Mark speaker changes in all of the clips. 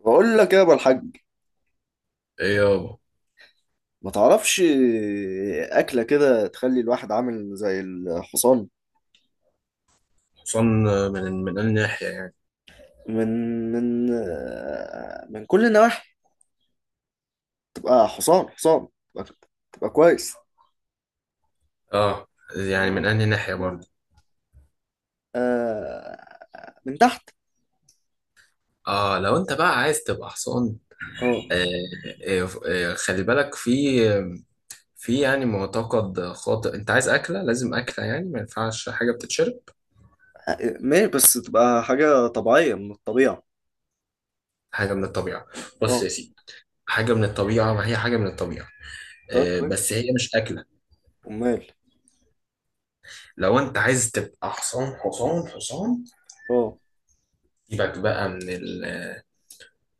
Speaker 1: بقول لك يا ابو الحاج،
Speaker 2: ايه يابا.
Speaker 1: ما تعرفش. اكله كده تخلي الواحد عامل زي الحصان.
Speaker 2: حصان؟ من أنهي ناحية يعني؟
Speaker 1: من من كل النواحي. تبقى حصان حصان، تبقى, تبقى كويس.
Speaker 2: اه، يعني من أنهي ناحية برضه؟
Speaker 1: من تحت.
Speaker 2: اه، لو انت بقى عايز تبقى حصان.
Speaker 1: اه،
Speaker 2: آه آه، خلي بالك. في يعني معتقد خاطئ، انت عايز اكله، لازم اكله، يعني ما ينفعش حاجه بتتشرب.
Speaker 1: ماشي، بس تبقى حاجه طبيعيه من الطبيعه.
Speaker 2: حاجه من الطبيعه. بص
Speaker 1: اه،
Speaker 2: يا سيدي، حاجه من الطبيعه، ما هي حاجه من الطبيعه،
Speaker 1: طيب
Speaker 2: آه بس
Speaker 1: كويس.
Speaker 2: هي مش اكله.
Speaker 1: امال.
Speaker 2: لو انت عايز تبقى حصان حصان حصان،
Speaker 1: اه،
Speaker 2: سيبك بقى من ال...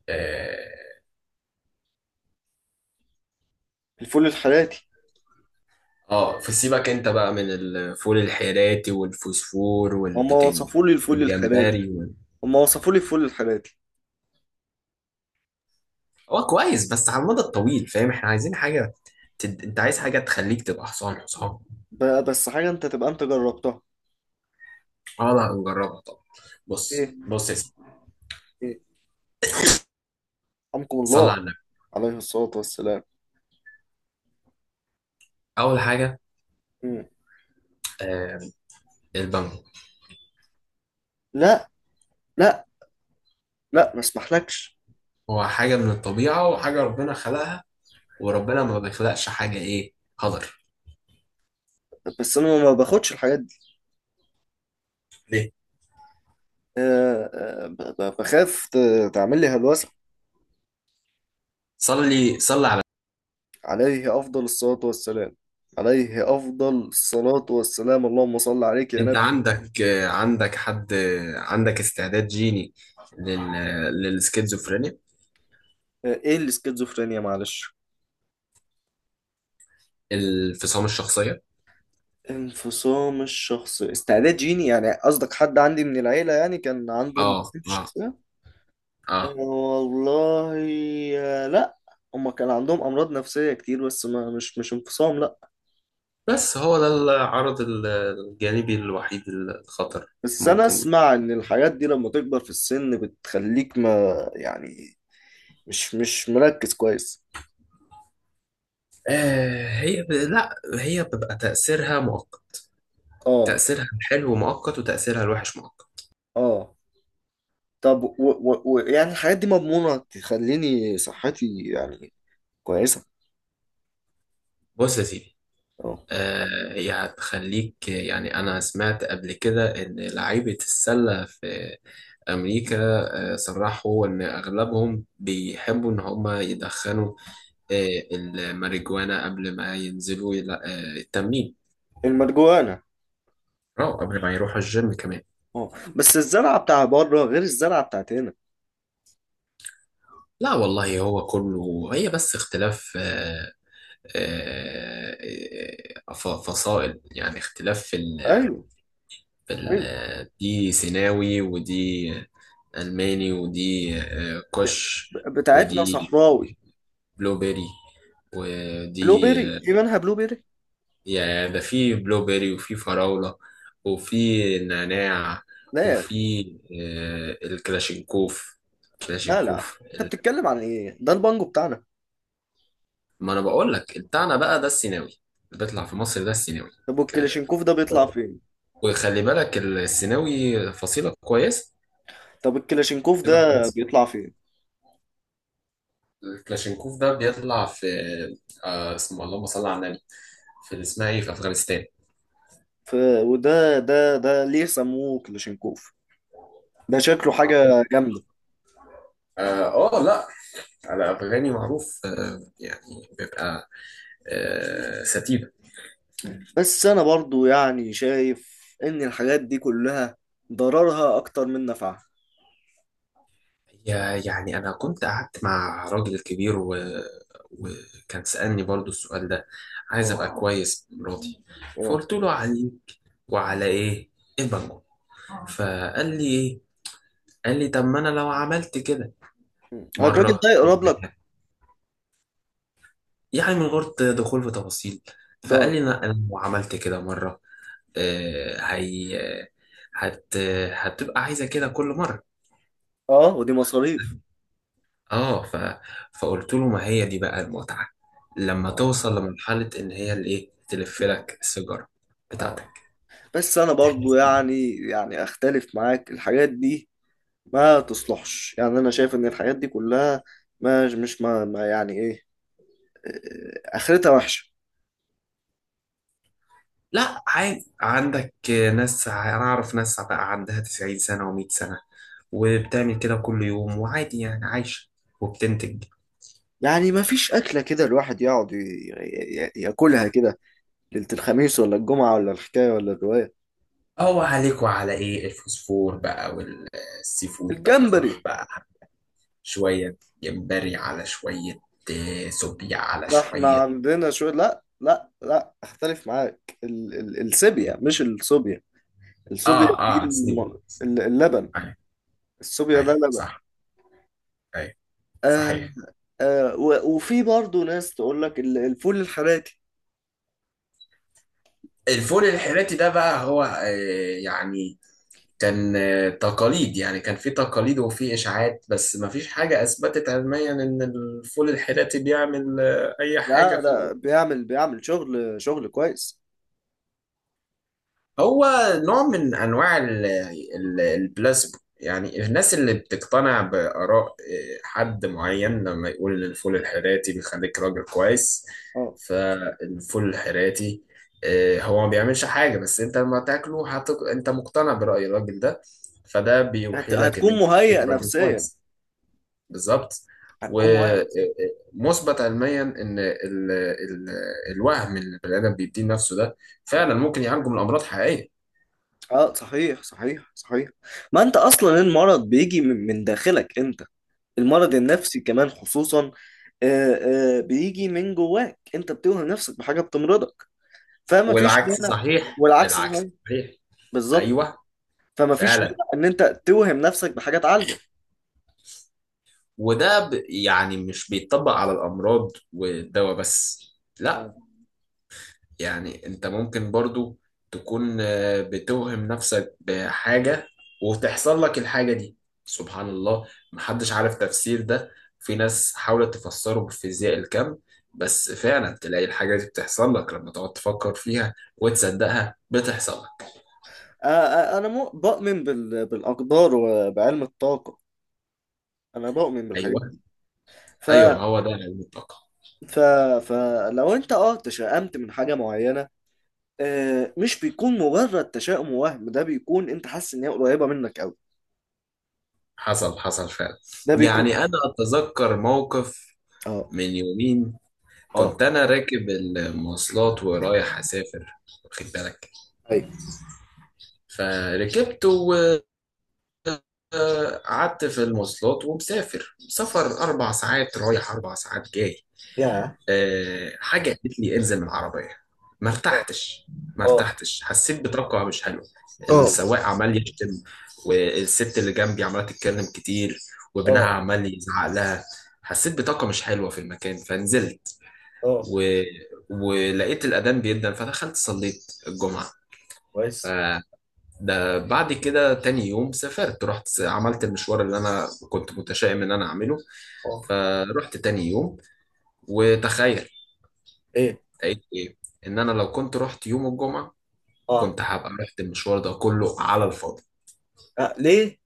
Speaker 2: آه،
Speaker 1: الفول الحراتي.
Speaker 2: اه، فسيبك انت بقى من الفول الحيراتي والفوسفور
Speaker 1: هما
Speaker 2: والبتنج
Speaker 1: وصفوا لي الفول الحراتي.
Speaker 2: والجمبري وال...
Speaker 1: هما وصفوا لي الفول الحراتي.
Speaker 2: هو كويس بس على المدى الطويل، فاهم؟ احنا عايزين حاجة تد... انت عايز حاجة تخليك تبقى حصان حصان.
Speaker 1: بس حاجه انت تبقى انت جربتها؟
Speaker 2: اه لا، هنجربها طبعا.
Speaker 1: ايه،
Speaker 2: بص بص يا سيدي،
Speaker 1: ايه، حمكم
Speaker 2: صلي
Speaker 1: الله.
Speaker 2: على النبي.
Speaker 1: عليه الصلاة والسلام.
Speaker 2: اول حاجة،
Speaker 1: مم.
Speaker 2: آه، البامبو.
Speaker 1: لا لا لا، ما اسمحلكش.
Speaker 2: هو حاجة من الطبيعة وحاجة ربنا خلقها، وربنا ما بيخلقش حاجة ايه، هدر.
Speaker 1: بس انا ما باخدش الحاجات دي.
Speaker 2: ليه؟
Speaker 1: أه، أه، بخاف تعمل لي هلوسة.
Speaker 2: صلي صلي على...
Speaker 1: عليه افضل الصلاة والسلام. عليه افضل الصلاة والسلام، اللهم صل عليك يا
Speaker 2: انت
Speaker 1: نبي.
Speaker 2: عندك، عندك حد، عندك استعداد جيني لل... للسكيزوفرينيا،
Speaker 1: أه، ايه الاسكيزوفرينيا؟ معلش.
Speaker 2: الانفصام الشخصية.
Speaker 1: انفصام الشخص، استعداد جيني يعني؟ قصدك حد عندي من العيلة يعني كان عنده
Speaker 2: اه
Speaker 1: انفصام في
Speaker 2: اه
Speaker 1: الشخصية؟ أه
Speaker 2: اه.
Speaker 1: والله. آه، لا، هما كان عندهم امراض نفسية كتير، بس ما مش مش انفصام، لا.
Speaker 2: بس هو ده العرض ال- الجانبي الوحيد الخطر
Speaker 1: بس انا
Speaker 2: ممكن.
Speaker 1: اسمع ان الحاجات دي لما تكبر في السن بتخليك ما، يعني مش مركز كويس.
Speaker 2: آه هي ب... لا هي بتبقى تأثيرها مؤقت،
Speaker 1: اه،
Speaker 2: تأثيرها الحلو مؤقت وتأثيرها الوحش مؤقت.
Speaker 1: اه. طب و يعني الحاجات دي مضمونة تخليني صحتي يعني كويسة؟
Speaker 2: بص يا سيدي،
Speaker 1: اه،
Speaker 2: آه هي هتخليك. يعني أنا سمعت قبل كده إن لعيبة السلة في أمريكا، صرحوا إن أغلبهم بيحبوا إن هما يدخنوا الماريجوانا قبل ما ينزلوا يلا- التمرين،
Speaker 1: المرجوانة.
Speaker 2: أو قبل ما يروحوا الجيم كمان.
Speaker 1: اه، بس الزرعة بتاع بره غير الزرعة بتاعت هنا.
Speaker 2: لا والله، هو كله هي، بس اختلاف آه، فصائل، يعني اختلاف في ال...
Speaker 1: ايوه.
Speaker 2: في ال...
Speaker 1: ايوه.
Speaker 2: دي سيناوي، ودي ألماني، ودي كوش،
Speaker 1: بتاعتنا
Speaker 2: ودي
Speaker 1: صحراوي.
Speaker 2: بلو بيري، ودي
Speaker 1: بلو بيري؟ في منها بلو بيري؟
Speaker 2: يا ده في بلو بيري، وفي فراولة، وفي نعناع،
Speaker 1: لا يا اخي.
Speaker 2: وفي الكلاشينكوف،
Speaker 1: لا لا،
Speaker 2: كلاشينكوف.
Speaker 1: انت بتتكلم عن ايه؟ ده البانجو بتاعنا.
Speaker 2: ما انا بقول لك بتاعنا بقى ده السيناوي، اللي بيطلع في مصر ده السيناوي.
Speaker 1: طب
Speaker 2: ك-،
Speaker 1: والكلاشينكوف ده بيطلع فين؟
Speaker 2: وخلي بالك السيناوي فصيلة كويسة.
Speaker 1: طب الكلاشينكوف
Speaker 2: فصيلة
Speaker 1: ده
Speaker 2: كويسة.
Speaker 1: بيطلع فين؟
Speaker 2: الكلاشينكوف ده بيطلع في، آه اسمه، اللهم صل على النبي، في اللي اسمها ايه، في افغانستان.
Speaker 1: ف... وده ده ده ليه سموه كلاشينكوف؟ ده شكله حاجة جامدة.
Speaker 2: اه، لا على افغاني معروف، آه يعني بيبقى آه ستيف.
Speaker 1: بس أنا برضو يعني شايف إن الحاجات دي كلها ضررها أكتر من نفعها.
Speaker 2: يا-، يعني أنا كنت قعدت مع راجل كبير و... وكان سألني برضو السؤال ده، عايز
Speaker 1: اه.
Speaker 2: أبقى كويس مراتي،
Speaker 1: اه.
Speaker 2: فقلت له علي وعلى إيه، البنجو. فقال لي إيه، قال لي طب ما أنا لو عملت كده
Speaker 1: مم. الراجل
Speaker 2: مرة
Speaker 1: ده يقرب
Speaker 2: مرتين،
Speaker 1: لك؟
Speaker 2: يعني من غير دخول في تفاصيل. فقال
Speaker 1: طب.
Speaker 2: لي لا، أنا لو عملت كده مرة، هي هت... هتبقى عايزة كده كل مرة.
Speaker 1: اه، ودي مصاريف.
Speaker 2: اه ف... فقلت له ما هي دي بقى المتعة، لما
Speaker 1: اه.
Speaker 2: توصل لمرحلة ان هي اللي ايه تلف لك السيجارة
Speaker 1: اه،
Speaker 2: بتاعتك،
Speaker 1: بس أنا برضو
Speaker 2: تحس إنك-.
Speaker 1: يعني أختلف معاك، الحاجات دي ما تصلحش، يعني أنا شايف إن الحاجات دي كلها ما مش ما, ما، يعني إيه، آه، آه، آخرتها وحشة.
Speaker 2: لا عادي، عندك ناس، انا اعرف ناس بقى عندها 90 سنة و100 سنة وبتعمل كده كل يوم وعادي، يعني عايشة وبتنتج.
Speaker 1: يعني ما فيش أكلة كده الواحد يقعد ياكلها كده ليلة الخميس ولا الجمعة ولا الحكاية ولا الرواية؟
Speaker 2: هو عليك وعلى ايه، الفوسفور بقى والسي فود بقى،
Speaker 1: الجمبري.
Speaker 2: روح بقى شوية جمبري، على شوية سوبيا، على
Speaker 1: ده احنا
Speaker 2: شوية.
Speaker 1: عندنا شوية. لا لا لا، اختلف معاك، ال ال السيبيا مش الصوبيا. الصوبيا
Speaker 2: اه
Speaker 1: دي
Speaker 2: اه سيب،
Speaker 1: اللبن.
Speaker 2: ايوه،
Speaker 1: الصوبيا ده
Speaker 2: ايوه
Speaker 1: لبن.
Speaker 2: صح، ايوه،
Speaker 1: آه.
Speaker 2: صحيح.
Speaker 1: آه، وفي برضه ناس تقول لك الفول الحراتي.
Speaker 2: الفول الحراتي ده بقى هو يعني كان تقاليد، يعني كان في تقاليد وفي اشاعات، بس ما فيش حاجه اثبتت علميا ان الفول الحراتي بيعمل اي
Speaker 1: لا،
Speaker 2: حاجه.
Speaker 1: ده بيعمل، بيعمل شغل كويس.
Speaker 2: هو نوع من انواع ال-، ال- البلاسبو، يعني الناس اللي بتقتنع باراء حد معين لما يقول ان الفول الحراتي بيخليك راجل كويس،
Speaker 1: اه،
Speaker 2: فالفول الحراتي هو ما بيعملش حاجه، بس انت لما تاكله هتق... انت مقتنع براي الراجل ده، فده بيوحي لك ان
Speaker 1: هتكون
Speaker 2: انت
Speaker 1: مهيأ
Speaker 2: بقيت راجل
Speaker 1: نفسيا.
Speaker 2: كويس. بالظبط.
Speaker 1: هتكون مهيأ نفسيا.
Speaker 2: ومثبت علميا ان ال... ال... الوهم اللي البني ادم بيديه نفسه ده فعلا ممكن يعالجه من امراض حقيقيه.
Speaker 1: اه، صحيح صحيح صحيح. ما انت اصلا المرض بيجي من داخلك انت. المرض النفسي كمان خصوصا. آه، بيجي من جواك، انت بتوهم نفسك بحاجه بتمرضك. فما فيش
Speaker 2: والعكس
Speaker 1: مانع.
Speaker 2: صحيح،
Speaker 1: والعكس
Speaker 2: العكس
Speaker 1: صحيح،
Speaker 2: صحيح.
Speaker 1: بالظبط.
Speaker 2: ايوه.
Speaker 1: فما فيش
Speaker 2: فعلا.
Speaker 1: مانع ان انت توهم نفسك بحاجه تعالجك.
Speaker 2: وده ب... يعني مش بيتطبق على الامراض والدواء بس،
Speaker 1: اه،
Speaker 2: لا، يعني انت ممكن برضو تكون بتوهم نفسك بحاجة وتحصل لك الحاجة دي. سبحان الله، محدش عارف تفسير ده. في ناس حاولت تفسره بفيزياء الكم، بس فعلا تلاقي الحاجة دي بتحصل لك، لما تقعد تفكر فيها وتصدقها بتحصل لك.
Speaker 1: آه، انا بؤمن بالاقدار وبعلم الطاقه. انا بؤمن بالحاجات
Speaker 2: ايوه.
Speaker 1: دي. ف
Speaker 2: ايوه، ما هو ده العلم، الطاقة.
Speaker 1: ف فلو انت اه تشائمت من حاجه معينه، آه، مش بيكون مجرد تشاؤم ووهم، ده بيكون انت حاسس ان هي قريبه منك قوي.
Speaker 2: حصل حصل فعلا،
Speaker 1: ده بيكون.
Speaker 2: يعني أنا أتذكر موقف
Speaker 1: اه.
Speaker 2: من يومين،
Speaker 1: اه.
Speaker 2: كنت أنا راكب المواصلات ورايح أسافر، واخد بالك؟
Speaker 1: ايوه.
Speaker 2: فركبت وقعدت في المواصلات ومسافر سفر أربع ساعات رايح أربع ساعات جاي.
Speaker 1: يا.
Speaker 2: حاجة قالت لي انزل من العربية، ما ارتحتش، ما
Speaker 1: اه.
Speaker 2: ارتحتش، حسيت بطاقة مش حلوة.
Speaker 1: اه.
Speaker 2: السواق عمال يشتم، والست اللي جنبي عمالة تتكلم كتير، وابنها
Speaker 1: اه.
Speaker 2: عمال يزعق لها. حسيت بطاقة مش حلوة في المكان فنزلت،
Speaker 1: اه.
Speaker 2: و... ولقيت الأذان بيدن فدخلت صليت الجمعة.
Speaker 1: كويس.
Speaker 2: فده بعد كده تاني يوم سافرت، رحت عملت المشوار اللي أنا كنت متشائم إن أنا أعمله.
Speaker 1: اه.
Speaker 2: فرحت تاني يوم وتخيل
Speaker 1: ايه.
Speaker 2: لقيت ايه، ان انا لو كنت رحت يوم الجمعه،
Speaker 1: اه.
Speaker 2: كنت هبقى رحت المشوار ده كله على الفاضي.
Speaker 1: آه، ليه؟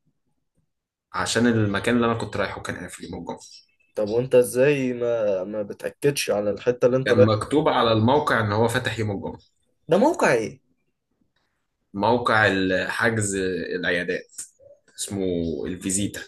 Speaker 2: عشان المكان اللي انا كنت رايحه كان قافل يوم الجمعه.
Speaker 1: طب وانت ازاي ما بتأكدش على الحتة اللي انت
Speaker 2: كان مكتوب
Speaker 1: رايحها؟
Speaker 2: على الموقع ان هو فاتح يوم الجمعه.
Speaker 1: ده موقع ايه؟
Speaker 2: موقع ال- حجز العيادات، اسمه الفيزيتا.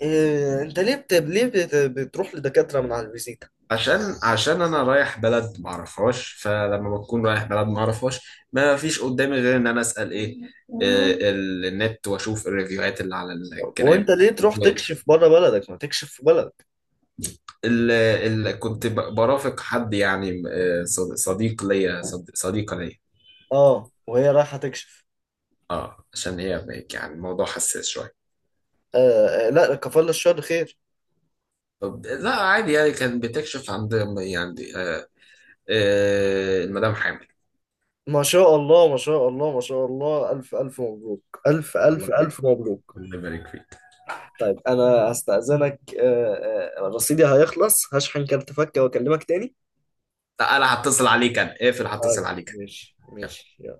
Speaker 1: إيه، انت ليه بتروح لدكاترة من على الفيزيتا؟
Speaker 2: عشان عشان انا رايح بلد ما اعرفهاش، فلما بكون رايح بلد ما اعرفهاش، ما فيش قدامي غير ان انا اسال ايه ال- النت واشوف الريفيوهات اللي على الكلام.
Speaker 1: وانت ليه تروح تكشف بره بلدك؟ ما تكشف في بلدك.
Speaker 2: ال كنت ب- برافق حد، يعني صد- صديق ليا، صد- صديقة ليا.
Speaker 1: اه، وهي رايحة تكشف؟
Speaker 2: اه، عشان هي بقى- يعني الموضوع حساس شوية.
Speaker 1: آه، لا، كفل الشر خير.
Speaker 2: طب لا عادي، يعني كان بتكشف عند، يعني آه، آه، المدام حامل.
Speaker 1: ما شاء الله ما شاء الله ما شاء الله، ألف ألف مبروك، ألف
Speaker 2: الله
Speaker 1: ألف
Speaker 2: يبارك،
Speaker 1: ألف مبروك.
Speaker 2: الله يبارك فيك.
Speaker 1: طيب أنا هستأذنك، آه، رصيدي هيخلص، هشحن كارت فكة وأكلمك تاني.
Speaker 2: لا انا هتصل عليك، انا اقفل هتصل
Speaker 1: طيب
Speaker 2: عليك.
Speaker 1: ماشي ماشي.